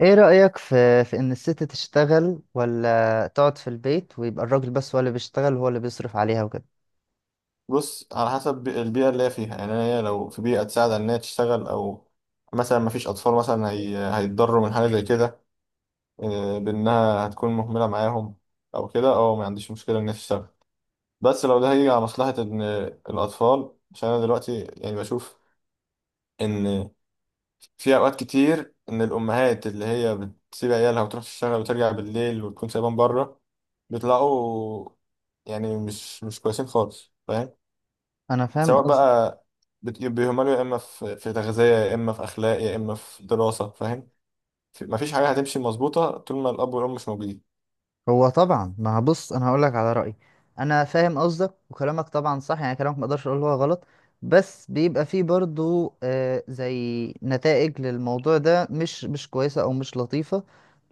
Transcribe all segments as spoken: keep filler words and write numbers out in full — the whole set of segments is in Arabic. ايه رأيك في في ان الست تشتغل ولا تقعد في البيت ويبقى الراجل بس هو اللي بيشتغل وهو اللي بيصرف عليها وكده. بص، على حسب البيئة اللي هي فيها. يعني هي لو في بيئة تساعد على إنها تشتغل، أو مثلا مفيش أطفال مثلا هي... هيتضروا من حاجة زي كده. آه، بإنها هتكون مهملة معاهم أو كده. أه، ما عنديش مشكلة إنها تشتغل. بس لو ده هيجي على مصلحة إن الأطفال. عشان أنا دلوقتي يعني بشوف إن في أوقات كتير إن الأمهات اللي هي بتسيب عيالها وتروح تشتغل وترجع بالليل وتكون سايبان بره، بيطلعوا يعني مش مش كويسين خالص، فاهم؟ انا فاهم. سواء بقى بت- بيهملوا، يا اما في في تغذيه، يا اما في اخلاق، يا اما في دراسه، فاهم؟ في- مفيش حاجه هتمشي مظبوطه طول ما الاب والام مش موجودين. هو طبعا ما بص، انا هقول لك على رايي. انا فاهم قصدك وكلامك طبعا صح، يعني كلامك ما اقدرش اقول هو غلط، بس بيبقى فيه برضو آه زي نتائج للموضوع ده مش مش كويسه او مش لطيفه.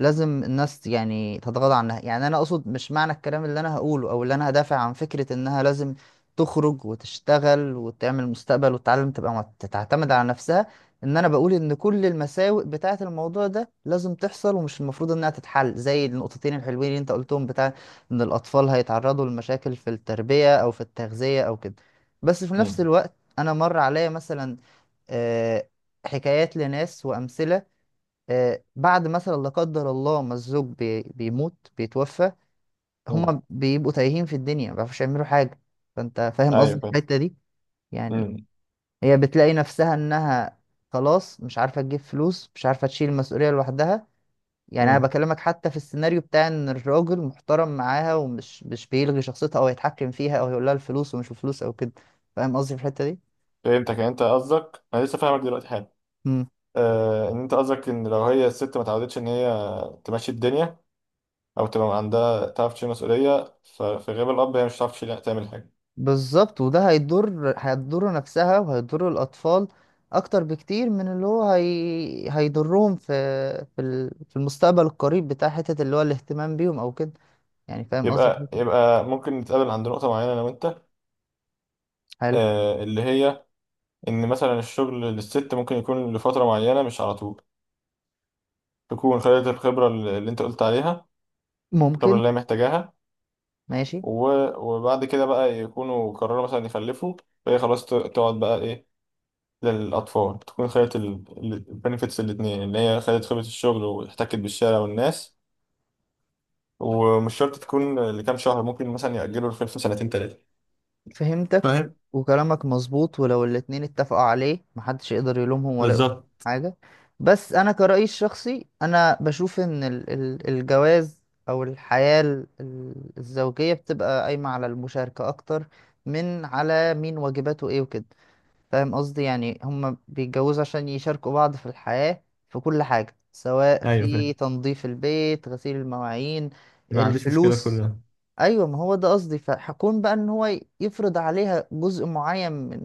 لازم الناس يعني تتغاضى عنها، يعني انا اقصد مش معنى الكلام اللي انا هقوله او اللي انا هدافع عن فكره انها لازم تخرج وتشتغل وتعمل مستقبل وتتعلم تبقى مت- تعتمد على نفسها. ان انا بقول ان كل المساوئ بتاعه الموضوع ده لازم تحصل ومش المفروض انها تتحل زي النقطتين الحلوين اللي انت قلتهم بتاع ان الاطفال هيتعرضوا لمشاكل في التربية او في التغذية او كده. بس في نفس امم الوقت انا مر عليا مثلا آه، حكايات لناس وامثلة. آه، بعد مثلا لا قدر الله ما الزوج بي- بيموت بيتوفى، امم هما بيبقوا تايهين في الدنيا ما بيعرفوش يعملوا حاجة. فانت فاهم ايوه قصدي في فاهم. الحتة دي. يعني امم هي بتلاقي نفسها انها خلاص مش عارفة تجيب فلوس، مش عارفة تشيل المسؤولية لوحدها. يعني انا امم بكلمك حتى في السيناريو بتاع ان الراجل محترم معاها ومش مش بيلغي شخصيتها او يتحكم فيها او يقول لها الفلوس ومش الفلوس او كده. فاهم قصدي في الحتة دي؟ فهمتك. يعني انت قصدك، انا لسه فاهمك دلوقتي حالا. امم آه، ان انت قصدك ان لو هي الست ما اتعودتش ان هي تمشي الدنيا او تبقى عندها تعرف تشيل مسؤوليه، ففي غياب الاب هي مش هتعرف تشيل تعمل حاجه. بالظبط، وده هيضر هتضر نفسها وهيضر الاطفال اكتر بكتير من اللي هو هي هيضرهم في في ال- في المستقبل القريب، بتاع حتة اللي هو الاهتمام بيهم او كده. يعني فاهم قصدي في يبقى الحتة دي؟ يبقى ممكن نتقابل عند نقطه معينه انا وانت. حلو. آه، اللي هي ان مثلا الشغل للست ممكن يكون لفتره معينه مش على طول، تكون خدت الخبره اللي انت قلت عليها، الخبره ممكن. اللي هي محتاجاها. ماشي. و- وبعد كده بقى يكونوا قرروا مثلا يخلفوا، فهي خلاص ت- تقعد بقى ايه للاطفال، تكون خدت البنفيتس الاتنين، اللي هي خدت خبره الشغل واحتكت بالشارع والناس. ومش شرط تكون لكام شهر، ممكن مثلا يأجلوا الخلفه سنتين تلاته، فهمتك، فاهم؟ وكلامك مظبوط. ولو الاتنين اتفقوا عليه محدش يقدر يلومهم ولا يقول بالظبط. حاجة. بس أنا كرأيي الشخصي أنا بشوف إن ال- ال- الجواز أو الحياة ال- ال- الزوجية بتبقى قايمة على المشاركة أكتر من على مين واجباته إيه وكده. فاهم قصدي؟ يعني هما بيتجوزوا عشان يشاركوا بعض في الحياة، في كل حاجة، سواء ايوه في فاهم. تنظيف البيت، غسيل المواعين، ما عنديش مشكله في كل الفلوس. ده. ايوه، ما هو ده قصدي. فهكون بقى ان هو يفرض عليها جزء معين من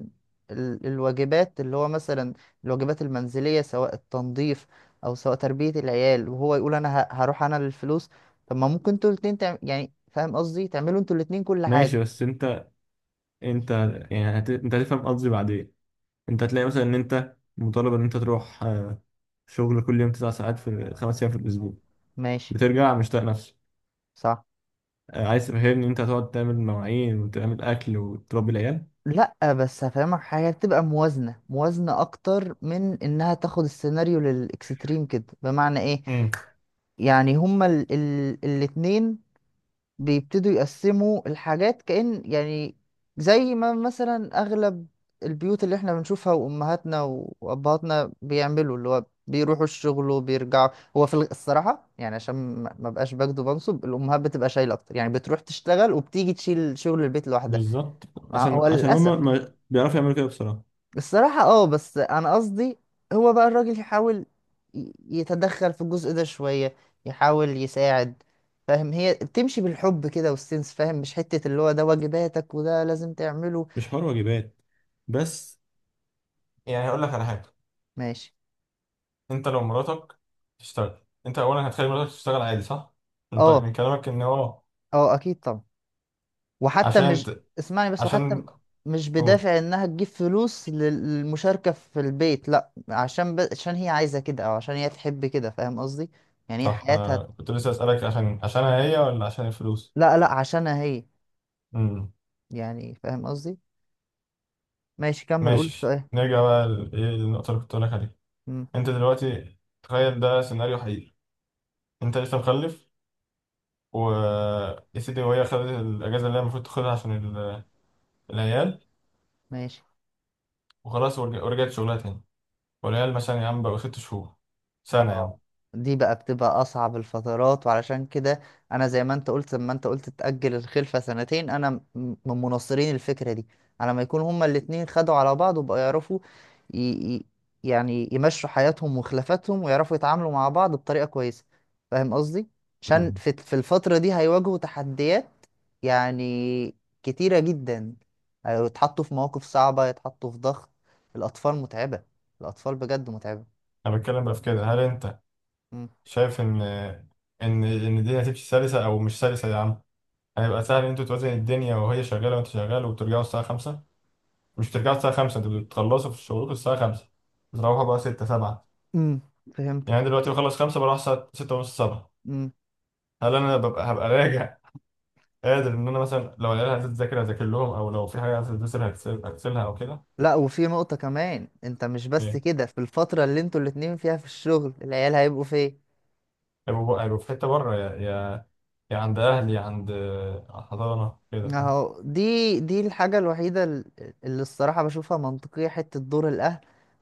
ال- الواجبات اللي هو مثلا الواجبات المنزليه، سواء التنظيف او سواء تربيه العيال، وهو يقول انا ه- هروح انا للفلوس. طب ما ممكن انتوا الاتنين تعم... يعني فاهم قصدي، تعملوا انتوا الاتنين كل حاجه. ماشي، بس انت انت يعني هت... انت هتفهم قصدي بعدين. انت هتلاقي مثلا ان انت مطالب ان انت تروح آه، شغل كل يوم تسع ساعات في خمس ايام في الاسبوع، ماشي. بترجع مش طايق نفسك. صح. آه، عايز تفهمني ان انت هتقعد تعمل مواعين وتعمل اكل وتربي العيال؟ لا بس هفهمك حاجه، بتبقى موازنه موازنه اكتر من انها تاخد السيناريو للاكستريم كده. بمعنى ايه؟ امم يعني هما ال ال الاتنين بيبتدوا يقسموا الحاجات كأن يعني زي ما مثلا أغلب البيوت اللي احنا بنشوفها، وأمهاتنا وأبهاتنا بيعملوا اللي هو بيروحوا الشغل وبيرجعوا. هو في الغ- الصراحة يعني عشان ما ما بقاش بجد، وبنصب الأمهات بتبقى شايلة أكتر، يعني بتروح تشتغل وبتيجي تشيل شغل البيت لوحدها. بالظبط. ما عشان هو عشان للأسف. هم ما بيعرفوا يعملوا كده بصراحة. الصراحة اه، بس انا قصدي هو بقى الراجل يحاول ي- يتدخل في الجزء ده شوية، يحاول يساعد. فاهم؟ هي بتمشي بالحب كده والسنس. فاهم؟ مش حتة اللي هو ده واجباتك وده لازم تعمله. مش حوار واجبات، بس يعني هقول لك على حاجه. ماشي. انت لو مراتك تشتغل، انت اولا هتخلي مراتك تشتغل عادي، صح؟ من طريق اه. من كلامك ان هو اه اكيد طبعا. وحتى عشان مش، ت... اسمعني بس، وحتى عشان مش قول. بدافع انها تجيب فلوس لل- للمشاركة في البيت، لا عشان ب... عشان هي عايزة كده او عشان هي تحب كده. فاهم قصدي؟ يعني هي صح، حياتها. أنا كنت لسه اسالك، عشان عشانها هي ولا عشان الفلوس؟ لا لا، عشانها هي. امم يعني فاهم قصدي. ماشي، كمل قول ماشي، السؤال. نرجع بقى ل- ايه النقطة اللي كنت بقولك عليها. مم. انت دلوقتي تخيل ده سيناريو حقيقي، انت لسه مخلف، و، يا سيدي، وهي خدت الاجازة اللي هي المفروض تاخدها عشان ال- العيال، ماشي. وخلاص ورج- ورجعت شغلها تاني. والعيال مثلا يا عم بقوا ست شهور، سنة يا اه، عم. دي بقى بتبقى اصعب الفترات، وعلشان كده انا زي ما انت قلت لما انت قلت تأجل الخلفة سنتين، انا م- من مناصرين الفكرة دي، على ما يكون هما الاتنين خدوا على بعض وبقوا يعرفوا ي... ي... يعني يمشوا حياتهم وخلافاتهم ويعرفوا يتعاملوا مع بعض بطريقة كويسة. فاهم قصدي؟ عشان مم. في... في الفترة دي هيواجهوا تحديات يعني كتيرة جدا. هيتحطوا في مواقف صعبة، يتحطوا في ضغط. الاطفال متعبة، الاطفال بجد متعبة. انا بتكلم بقى في كده، هل انت شايف ان ان ان الدنيا هتمشي سلسة او مش سلسة، يا عم؟ هيبقى سهل ان انتوا توازن الدنيا وهي شغالة وانت شغال وبترجعوا الساعة خمسة؟ مش بترجعوا الساعة خمسة، انتوا بتخلصوا في شغلكم الساعة خمسة، بتروحوا بقى ستة سبعة. امم فهمت. يعني دلوقتي بخلص خمسة، بروح الساعة ستة ونص سبعة. امم هل أنا ببقى هبقى راجع قادر إن أنا مثلا لو العيال عايزة تذاكر أذاكر لهم، أو لو في حاجة عايزة تذاكر هكسل- هغسلها أو كده؟ لا، وفي نقطة كمان انت مش بس إيه؟ كده، في الفترة اللي انتوا الاتنين فيها في الشغل العيال هيبقوا فين؟ هيبقوا هيبقوا في حتة بره، يا يا يا عند أهلي، يا عند آه، حضانة كده، فاهم؟ اهو دي دي الحاجة الوحيدة ال- اللي الصراحة بشوفها منطقية، حتة دور الأهل.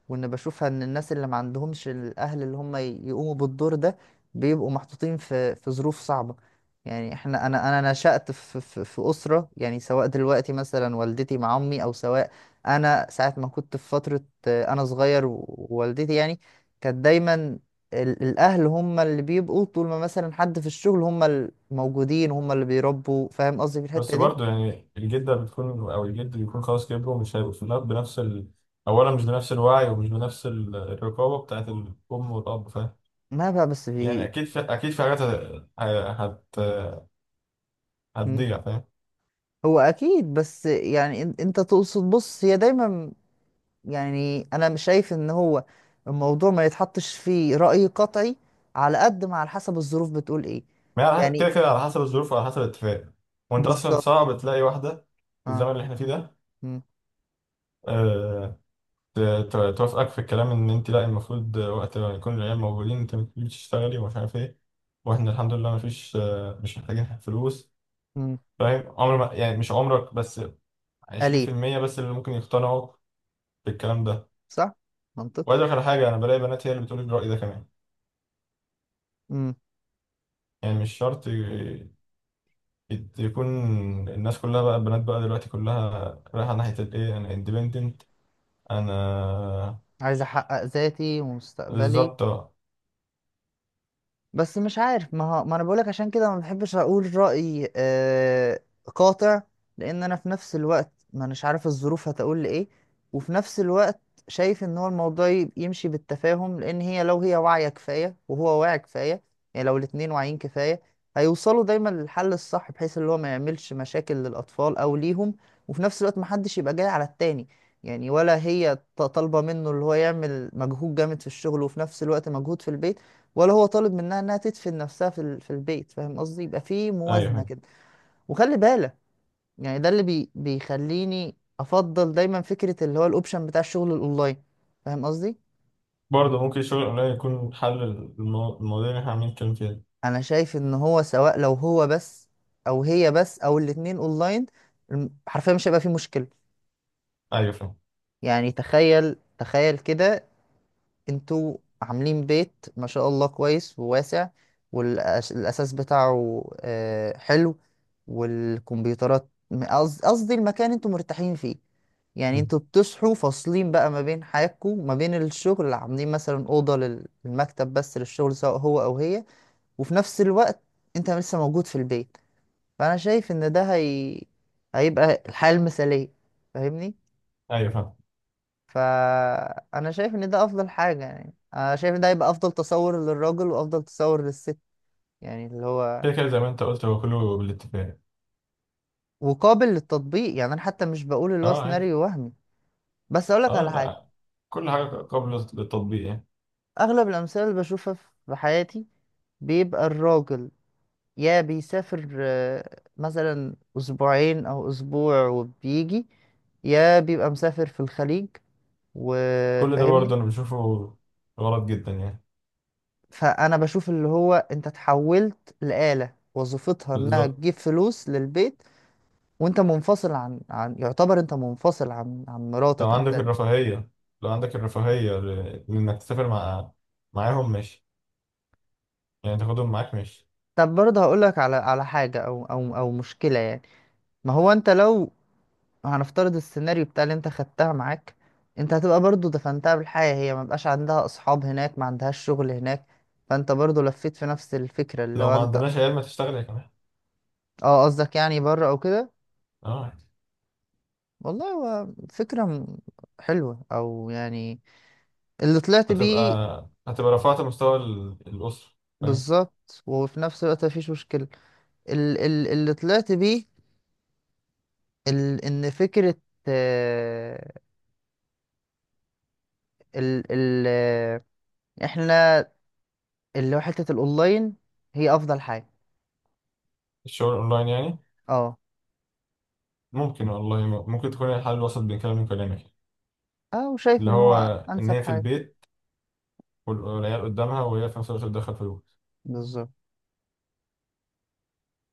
وإن بشوفها إن الناس اللي ما عندهمش الأهل اللي هم ي- يقوموا بالدور ده بيبقوا محطوطين في في ظروف صعبة. يعني احنا، أنا أنا نشأت في في في أسرة يعني، سواء دلوقتي مثلا والدتي مع أمي، أو سواء أنا ساعة ما كنت في فترة آه، أنا صغير و- ووالدتي يعني كانت دايما ال- الاهل هم اللي بيبقوا طول ما مثلا حد في الشغل، هم الموجودين، هم اللي بيربوا. فاهم قصدي في بس الحتة دي؟ برضه يعني الجدة بتكون أو الجد بيكون خلاص كبروا، مش هيبقوا في الأب بنفس ال، أولا مش بنفس الوعي ومش بنفس ال- الرقابة بتاعت الأم والأب، فاهم؟ ما بقى بس يعني في. أكيد في، أكيد في حاجات هت هت- مم. هتضيع، فاهم؟ هو اكيد، بس يعني إن- انت تقصد، بص هي دايما، يعني انا مش شايف ان هو الموضوع ما يتحطش فيه رأي قطعي. على قد ما على حسب الظروف بتقول ايه. ما هي على حسب، يعني كده كده على حسب الظروف وعلى حسب الاتفاق. وانت اصلا بالظبط. صعب تلاقي واحده في اه. الزمن اللي احنا فيه ده. مم. أه، ت- ت- توافقك في الكلام ان انت لا، المفروض وقت ما يكون العيال موجودين انت المفروض تشتغلي ومش عارف ايه. واحنا الحمد لله مفيش، آه، مش محتاجين فلوس، مم. فاهم؟ عمر ما، يعني مش عمرك، بس قليل. عشرين في المية بس اللي ممكن يقتنعوا بالكلام ده. صح. منطقي. وعايز اقول لك على حاجه، انا بلاقي بنات هي اللي بتقول الرأي ده كمان. مم. يعني مش شرط ي- يت- يكون الناس كلها، بقى البنات بقى دلوقتي كلها رايحه ناحيه الايه، انا independent، انا، عايز احقق ذاتي ومستقبلي. بالظبط، اه. بس مش عارف، ما هو ما انا بقولك عشان كده ما بحبش اقول رأي آه قاطع، لان انا في نفس الوقت ما اناش عارف الظروف هتقول لي ايه. وفي نفس الوقت شايف ان هو الموضوع ي- يمشي بالتفاهم، لان هي لو هي واعية كفاية وهو واعي كفاية، يعني لو الاتنين واعيين كفاية هيوصلوا دايما للحل الصح، بحيث اللي هو ما يعملش مشاكل للاطفال او ليهم، وفي نفس الوقت ما حدش يبقى جاي على التاني. يعني ولا هي ط- طالبة منه اللي هو يعمل مجهود جامد في الشغل وفي نفس الوقت مجهود في البيت، ولا هو طالب منها انها تدفن نفسها في ال- في البيت. فاهم قصدي؟ يبقى في ايوه. موازنه أيوة. كده. وخلي بالك، يعني ده اللي بي بيخليني افضل دايما فكره اللي هو الاوبشن بتاع الشغل الاونلاين. فاهم قصدي؟ برضه ممكن الشغل الاونلاين يكون حل المو- المواضيع اللي احنا عاملين نتكلم فيها. انا شايف ان هو سواء لو هو بس او هي بس او الاتنين اونلاين، الم- حرفيا مش هيبقى في مشكله. ايوه فاهم. يعني تخيل تخيل كده، انتوا عاملين بيت ما شاء الله كويس وواسع، والأساس بتاعه آه، حلو، والكمبيوترات، قصد- قصدي المكان انتوا مرتاحين فيه. يعني مم. انتوا بتصحوا فاصلين بقى ما بين حياتكم ما بين الشغل، عاملين مثلا أوضة لل- للمكتب بس للشغل، سواء هو أو هي. وفي نفس الوقت انت لسه موجود في البيت. فأنا شايف ان ده هي هيبقى الحياة المثالية. فاهمني؟ ايوه فاهم. فانا شايف ان ده افضل حاجه، يعني انا شايف ان ده يبقى افضل تصور للراجل وافضل تصور للست. يعني اللي هو كده كده زي ما انت قلت، هو كله بالاتفاق. وقابل للتطبيق، يعني انا حتى مش بقول اللي هو اه عادي. سيناريو وهمي. بس اقولك اه على حاجه، لا، كل حاجه قبل التطبيق يعني. اغلب الامثله اللي بشوفها في حياتي بيبقى الراجل يا بيسافر آه، مثلا اسبوعين او اسبوع وبيجي، يا بيبقى مسافر في الخليج. كل ده وفاهمني. برضه انا بشوفه غلط جدا يعني. فانا بشوف اللي هو انت اتحولت لآلة وظيفتها انها بالظبط. تجيب فلوس للبيت، وانت منفصل عن عن يعتبر انت منفصل عن عن لو مراتك عندك انت. الرفاهيه، لو عندك الرفاهيه ل- لانك تسافر مع معاهم، ماشي، يعني تاخدهم معاك، ماشي. طب برضه هقول لك على على حاجة او او او مشكلة يعني. ما هو انت لو، هنفترض السيناريو بتاع اللي انت خدتها معاك، انت هتبقى برضه دفنتها بالحياة، هي ما بقاش عندها اصحاب هناك، ما عندهاش شغل هناك. فانت برضه لفيت في نفس الفكرة اللي لو هو ما انت. عندناش عيال، ما تشتغل يا كمان. اه قصدك يعني بره او كده. اه، والله، هو فكرة م- حلوة او يعني اللي طلعت هتبقى، بيه. هتبقى رفعت مستوى ال- الأسرة، فاهم؟ بالظبط، وفي نفس الوقت مفيش مشكلة ال- ال- اللي طلعت بيه، ال- ان فكرة آه، ال ال آه، احنا اللي هو حتة الاونلاين هي افضل حاجة. الشغل أونلاين يعني؟ اه. ممكن والله، م- ممكن تكون هي الحل الوسط بين كلامي وكلامك، اه وشايف اللي ان هو هو إن انسب هي في حاجة. البيت وال- والعيال قدامها، وهي في نفس الوقت بتدخل فلوس. بالظبط.